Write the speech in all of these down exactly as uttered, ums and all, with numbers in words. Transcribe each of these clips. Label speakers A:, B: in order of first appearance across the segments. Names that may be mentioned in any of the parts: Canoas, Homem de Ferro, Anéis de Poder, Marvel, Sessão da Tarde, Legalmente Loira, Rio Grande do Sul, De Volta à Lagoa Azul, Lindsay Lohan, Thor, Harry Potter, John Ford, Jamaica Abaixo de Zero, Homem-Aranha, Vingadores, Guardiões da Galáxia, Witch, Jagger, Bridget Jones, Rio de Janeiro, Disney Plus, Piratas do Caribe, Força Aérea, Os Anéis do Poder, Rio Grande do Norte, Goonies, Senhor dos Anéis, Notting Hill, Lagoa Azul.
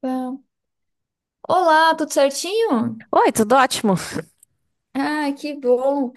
A: Tá. Olá, tudo certinho?
B: Oi, tudo ótimo?
A: Ah, que bom.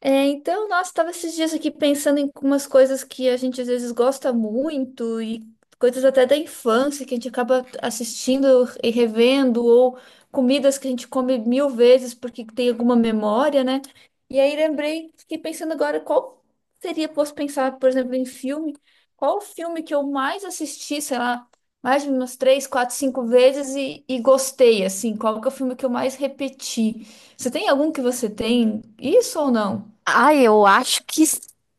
A: É, então, nossa, estava esses dias aqui pensando em umas coisas que a gente às vezes gosta muito e coisas até da infância que a gente acaba assistindo e revendo, ou comidas que a gente come mil vezes porque tem alguma memória, né? E aí lembrei, fiquei pensando agora qual seria, posso pensar, por exemplo, em filme, qual o filme que eu mais assisti, sei lá, mais de umas três, quatro, cinco vezes e, e gostei, assim, qual que é o filme que eu mais repeti? Você tem algum que você tem isso ou não?
B: Ai, eu acho que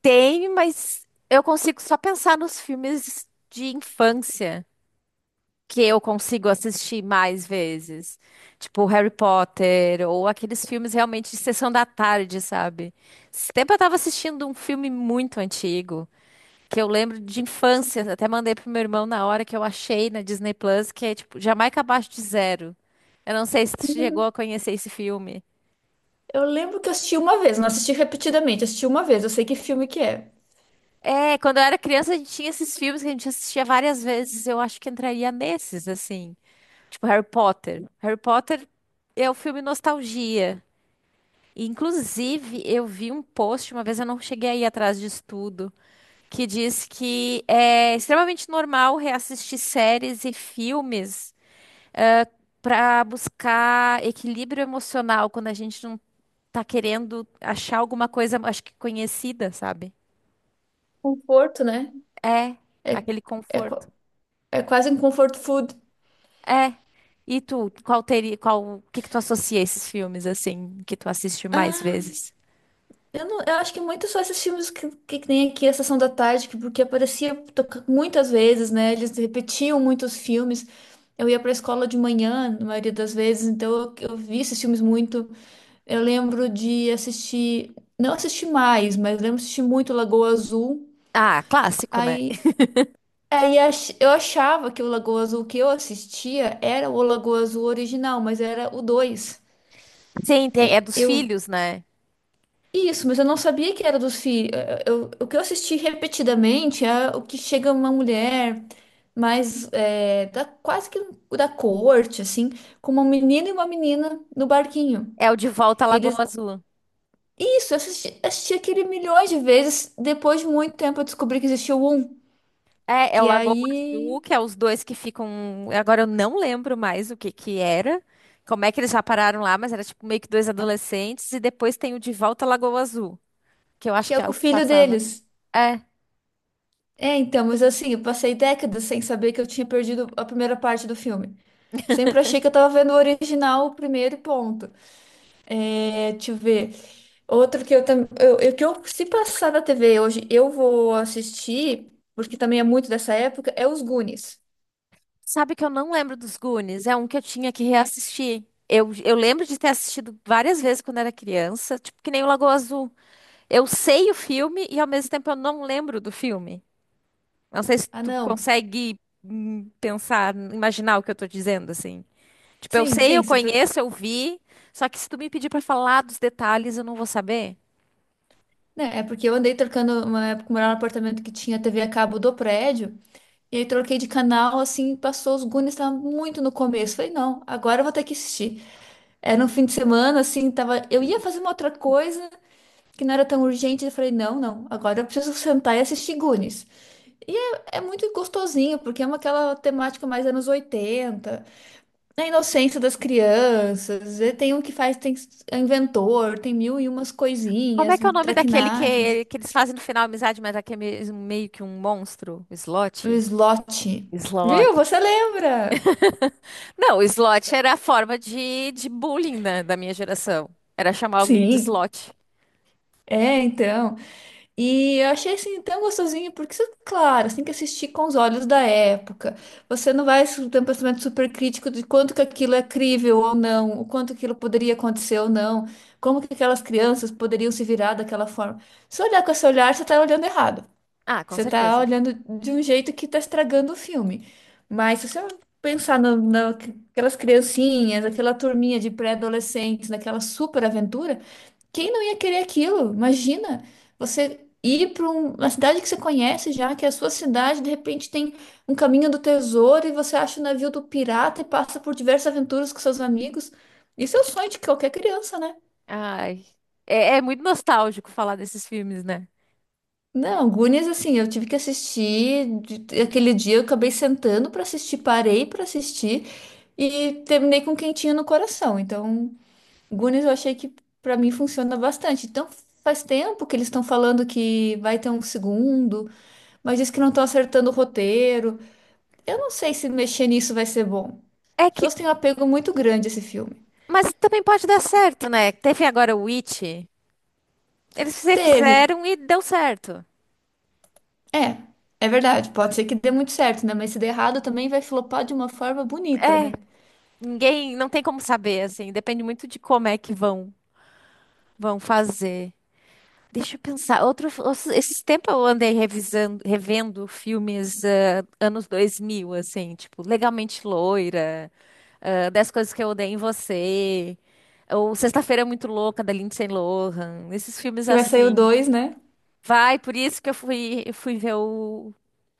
B: tem, mas eu consigo só pensar nos filmes de infância que eu consigo assistir mais vezes. Tipo Harry Potter ou aqueles filmes realmente de sessão da tarde, sabe? Esse tempo eu tava assistindo um filme muito antigo, que eu lembro de infância, até mandei pro meu irmão na hora que eu achei na Disney Plus, que é tipo Jamaica Abaixo de Zero. Eu não sei se tu chegou a conhecer esse filme.
A: Eu lembro que eu assisti uma vez, não assisti repetidamente, assisti uma vez, eu sei que filme que é.
B: É, quando eu era criança, a gente tinha esses filmes que a gente assistia várias vezes. Eu acho que entraria nesses, assim. Tipo Harry Potter. Harry Potter é o filme nostalgia. E, inclusive, eu vi um post, uma vez, eu não cheguei a ir atrás disso tudo, que diz que é extremamente normal reassistir séries e filmes para buscar equilíbrio emocional quando a gente não tá querendo achar alguma coisa, acho que conhecida, sabe?
A: Conforto, né?
B: É,
A: É,
B: aquele
A: é,
B: conforto.
A: qua- é quase um comfort food.
B: É. E tu, qual teria, qual, o que que tu associa a esses filmes assim que tu assiste mais vezes?
A: Eu, não, eu acho que muito só esses filmes que, que, tem aqui, a Sessão da Tarde, que, porque aparecia toca- muitas vezes, né? Eles repetiam muitos filmes. Eu ia pra escola de manhã, na maioria das vezes, então eu, eu vi esses filmes muito. Eu lembro de assistir, não assisti mais, mas lembro de assistir muito Lagoa Azul.
B: Ah, clássico, né?
A: Aí Aí ach- eu achava que o Lagoa Azul que eu assistia era o Lagoa Azul original, mas era o dois.
B: Sim, tem, é dos
A: Eu
B: filhos, né?
A: Isso, mas eu não sabia que era dos filhos. Eu, o que eu assisti repetidamente é o que chega uma mulher mais é, da, quase que da corte, assim, com uma menina e uma menina no barquinho.
B: É o De Volta à
A: E
B: Lagoa
A: eles
B: Azul.
A: Isso, eu assisti, assisti aquele milhões de vezes. Depois de muito tempo eu descobri que existia o um,
B: É, é o
A: que é
B: Lagoa Azul,
A: aí
B: que é os dois que ficam. Agora eu não lembro mais o que que era, como é que eles já pararam lá, mas era tipo meio que dois adolescentes, e depois tem o De Volta à Lagoa Azul, que eu acho
A: que é
B: que é
A: com
B: o
A: o
B: que
A: filho
B: passava.
A: deles.
B: É.
A: É, então, mas assim, eu passei décadas sem saber que eu tinha perdido a primeira parte do filme. Sempre achei que eu tava vendo o original, o primeiro e ponto. É, deixa eu ver. Outro que eu também. Eu, eu- que eu, se passar da T V hoje, eu vou assistir, porque também é muito dessa época, é os Goonies.
B: Sabe que eu não lembro dos Goonies? É um que eu tinha que reassistir. Eu, eu lembro de ter assistido várias vezes quando era criança, tipo que nem o Lagoa Azul. Eu sei o filme e ao mesmo tempo eu não lembro do filme. Não sei se
A: Ah,
B: tu
A: não.
B: consegue hum, pensar, imaginar o que eu tô dizendo, assim. Tipo, eu
A: Sim,
B: sei,
A: sim.
B: eu
A: se per-
B: conheço, eu vi, só que se tu me pedir pra falar dos detalhes, eu não vou saber.
A: né, é porque eu andei trocando uma época, morava num apartamento que tinha T V a cabo do prédio. E aí troquei de canal, assim, passou os Goonies, tava muito no começo. Falei, não, agora eu vou ter que assistir. Era um fim de semana, assim, tava. Eu ia fazer uma outra coisa que não era tão urgente. Eu falei, não, não, agora eu preciso sentar e assistir Goonies. E é, é muito gostosinho, porque é uma, aquela temática mais anos oitenta, a inocência das crianças. E tem um que faz, tem é inventor, tem mil e umas
B: Como é
A: coisinhas,
B: que é o nome daquele
A: traquinagens.
B: que, que eles fazem no final amizade, mas aquele é meio meio que um monstro?
A: O
B: Slot?
A: slot.
B: Slot.
A: Viu? Você lembra?
B: Não, o slot era a forma de, de bullying, né, da minha geração. Era chamar alguém de
A: Sim.
B: slot.
A: É, então. E eu achei assim tão gostosinho, porque, isso- claro, você tem que assistir com os olhos da época. Você não vai su- ter um pensamento super crítico de quanto que aquilo é crível ou não, o quanto aquilo poderia acontecer ou não, como que aquelas crianças poderiam se virar daquela forma. Se olhar com esse olhar, você está olhando errado.
B: Ah, com
A: Você está
B: certeza.
A: olhando de um jeito que está estragando o filme. Mas se você pensar no, na- criancinhas, aquela turminha de pré-adolescentes, naquela super aventura. Quem não ia querer aquilo? Imagina você ir para uma cidade que você conhece já, que é a sua cidade, de repente tem um caminho do tesouro e você acha o navio do pirata e passa por diversas aventuras com seus amigos. Isso é o sonho de qualquer criança, né?
B: Ai, é, é muito nostálgico falar desses filmes, né?
A: Não, Goonies, assim, eu tive que assistir. de- Aquele dia eu acabei sentando para assistir, parei para assistir e terminei com um quentinho no coração. Então. Goonies eu achei que pra mim funciona bastante. Então faz tempo que eles estão falando que vai ter um segundo, mas diz que não estão acertando o roteiro. Eu não sei se mexer nisso vai ser bom.
B: É
A: As
B: que,
A: pessoas têm um apego muito grande a esse filme.
B: mas também pode dar certo, né? Teve agora o Witch. Eles fize-
A: Teve.
B: fizeram e deu certo.
A: É, é verdade. Pode ser que dê muito certo, né? Mas se der errado também vai flopar de uma forma bonita,
B: É,
A: né?
B: ninguém, não tem como saber, assim. Depende muito de como é que vão, vão fazer. Deixa eu pensar. Outro, outro- esses tempos eu andei revisando, revendo filmes, ah, anos dois mil, assim, tipo, Legalmente Loira, ah, dez Coisas que Eu Odeio em Você, ou Sexta-feira é Muito Louca, da Lindsay Lohan, esses filmes
A: Que vai sair o
B: assim.
A: dois, né?
B: Vai, por isso que eu fui, eu fui ver o,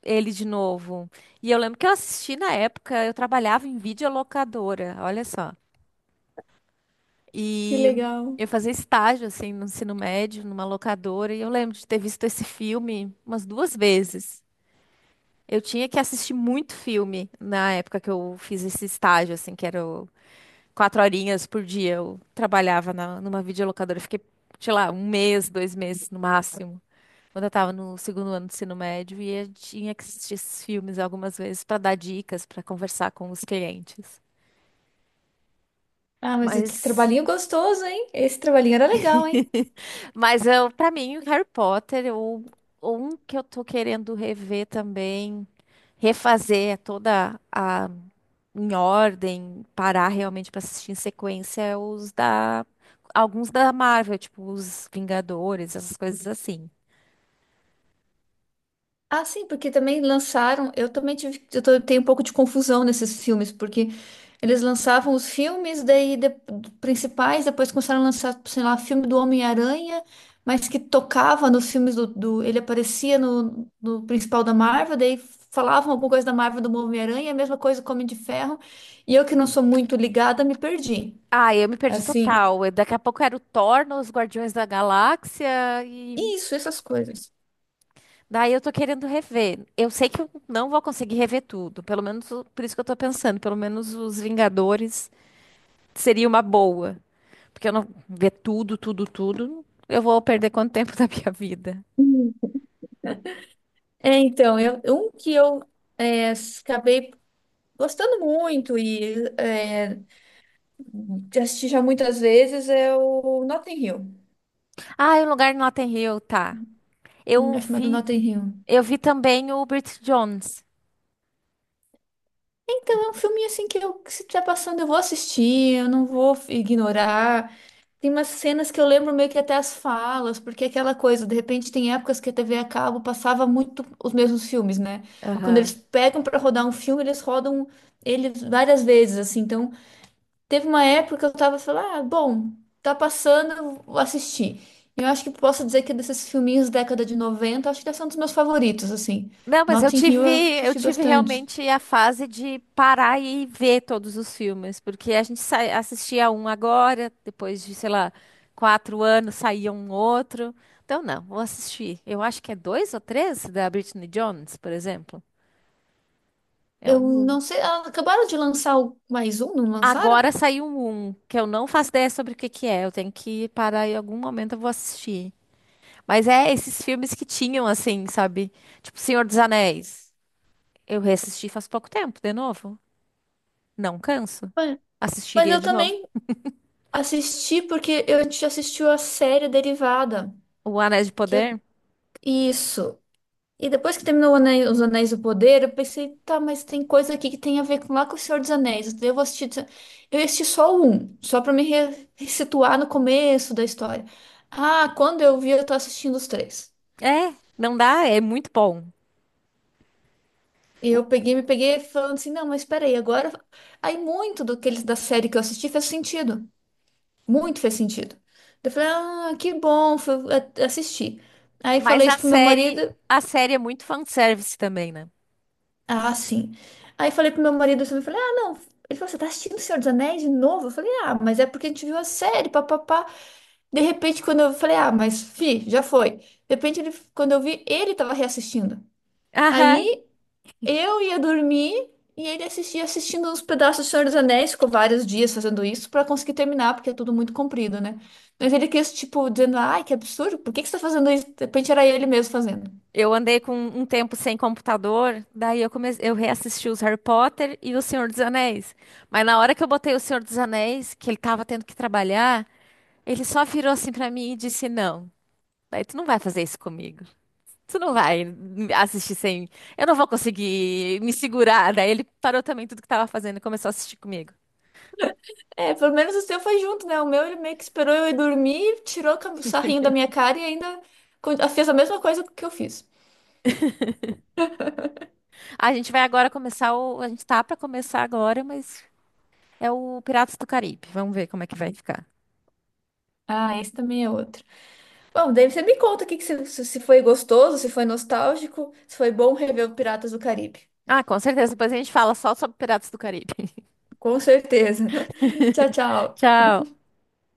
B: ele de novo. E eu lembro que eu assisti na época, eu trabalhava em videolocadora, olha só.
A: Que
B: E
A: legal.
B: eu fazia estágio, assim, no ensino médio, numa locadora, e eu lembro de ter visto esse filme umas duas vezes. Eu tinha que assistir muito filme na época que eu fiz esse estágio, assim, que era o- quatro horinhas por dia. Eu trabalhava na, numa videolocadora. Eu fiquei, sei lá, um mês, dois meses no máximo, quando eu tava no segundo ano do ensino médio, e eu tinha que assistir esses filmes algumas vezes para dar dicas, para conversar com os clientes.
A: Ah, mas que
B: Mas
A: trabalhinho gostoso, hein? Esse trabalhinho era legal, hein?
B: Mas eu, para mim, o Harry Potter, o um que eu tô querendo rever também, refazer é toda a em ordem, parar realmente pra assistir em sequência é os da, alguns da Marvel, tipo os Vingadores, essas coisas assim.
A: Ah, sim, porque também lançaram. Eu também tive, eu tô- tenho um pouco de confusão nesses filmes, porque eles lançavam os filmes, daí de- principais, depois começaram a lançar, sei lá, filme do Homem-Aranha, mas que tocava nos filmes do, do- ele aparecia no, no principal da Marvel, daí falavam alguma coisa da Marvel do Homem-Aranha, a mesma coisa com o Homem de Ferro, e eu que não sou muito ligada, me perdi.
B: Ah, eu me perdi
A: Assim,
B: total. Eu- Daqui a pouco era o Thor nos Guardiões da Galáxia e
A: isso, essas coisas.
B: daí eu tô querendo rever. Eu sei que eu não vou conseguir rever tudo, pelo menos o- por isso que eu tô pensando, pelo menos os Vingadores seria uma boa. Porque eu não ver tudo, tudo, tudo, eu vou perder quanto tempo da minha vida.
A: Hum. É, então, eu, um que eu é, acabei gostando muito e é, de assistir já muitas vezes é o Notting Hill.
B: Ah, e o lugar no Notting Hill, tá.
A: Um
B: Eu
A: lugar chamado
B: vi,
A: Notting Hill.
B: eu vi também o Bridget Jones.
A: Então é um filme assim que eu, que se estiver passando, eu vou assistir, eu não vou f- ignorar. Tem umas cenas que eu lembro meio que até as falas, porque é aquela coisa, de repente tem épocas que a T V a cabo passava muito os mesmos filmes, né? Quando eles
B: Aham.
A: pegam para rodar um filme, eles rodam ele várias vezes, assim, então teve uma época que eu tava falando, ah, bom, tá passando, eu vou assistir. E eu acho que posso dizer que desses filminhos da década de noventa, acho que esse é um dos meus favoritos, assim.
B: Não, mas eu
A: Notting Hill
B: tive,
A: eu
B: eu
A: assisti
B: tive
A: bastante.
B: realmente a fase de parar e ver todos os filmes, porque a gente sai- assistia um agora, depois de, sei lá, quatro anos saía um outro. Então, não, vou assistir. Eu acho que é dois ou três da Britney Jones, por exemplo. É
A: Eu
B: um.
A: não sei, ah, acabaram de lançar o- mais um, não lançaram?
B: Agora saiu um que eu não faço ideia sobre o que que é. Eu tenho que parar, em algum momento eu vou assistir. Mas é esses filmes que tinham assim, sabe? Tipo Senhor dos Anéis. Eu reassisti faz pouco tempo, de novo. Não canso.
A: É. Mas
B: Assistiria
A: eu
B: de novo.
A: também assisti porque eu a gente assistiu a série derivada,
B: O Anéis de
A: que é
B: Poder?
A: isso. E depois que terminou o Ane- Os Anéis do Poder, eu pensei, tá, mas tem coisa aqui que tem a ver com lá com o Senhor dos Anéis. Daí eu vou assistir, eu ia assistir só um, só pra me re- situar no começo da história. Ah, quando eu vi, eu tô assistindo os três.
B: É, não dá, é muito bom.
A: E
B: O-
A: eu peguei, me peguei falando assim, não, mas peraí, agora. Aí muito do que eles da série que eu assisti fez sentido. Muito fez sentido. Eu falei, ah, que bom, fui a- assistir. Aí
B: Mas
A: falei
B: a
A: isso pro meu
B: série,
A: marido.
B: a série é muito fanservice também, né?
A: Ah, sim. Aí falei pro meu marido assim, eu falei, ah, não. Ele falou, você tá assistindo O Senhor dos Anéis de novo? Eu falei, ah, mas é porque a gente viu a série, papapá. De repente, quando eu falei, ah, mas fi, já foi. De repente, ele, quando eu vi, ele tava reassistindo.
B: Aham.
A: Aí eu ia dormir e ele assistia assistindo uns pedaços do Senhor dos Anéis, ficou vários dias fazendo isso pra conseguir terminar, porque é tudo muito comprido, né? Mas ele quis, tipo, dizendo, ai, que absurdo, por que que você tá fazendo isso? De repente era ele mesmo fazendo.
B: Eu andei com um tempo sem computador, daí eu comecei, eu reassisti os Harry Potter e o Senhor dos Anéis. Mas na hora que eu botei o Senhor dos Anéis, que ele tava tendo que trabalhar, ele só virou assim pra mim e disse: "Não, daí tu não vai fazer isso comigo. Tu não vai me assistir sem, eu não vou conseguir me segurar". Daí ele parou também tudo que tava fazendo e começou a assistir comigo.
A: É, pelo menos o seu foi junto, né? O meu ele meio que esperou eu ir dormir, tirou o sarrinho da minha cara e ainda con- fez a mesma coisa que eu fiz.
B: A gente vai agora começar o, a gente tá pra começar agora, mas é o Piratas do Caribe. Vamos ver como é que vai ficar.
A: Ah, esse também é outro. Bom, daí você me conta o que que se, se se foi gostoso, se foi nostálgico, se foi bom rever o Piratas do Caribe.
B: Ah, com certeza. Depois a gente fala só sobre Piratas do Caribe.
A: Com certeza. Tchau, tchau.
B: Tchau.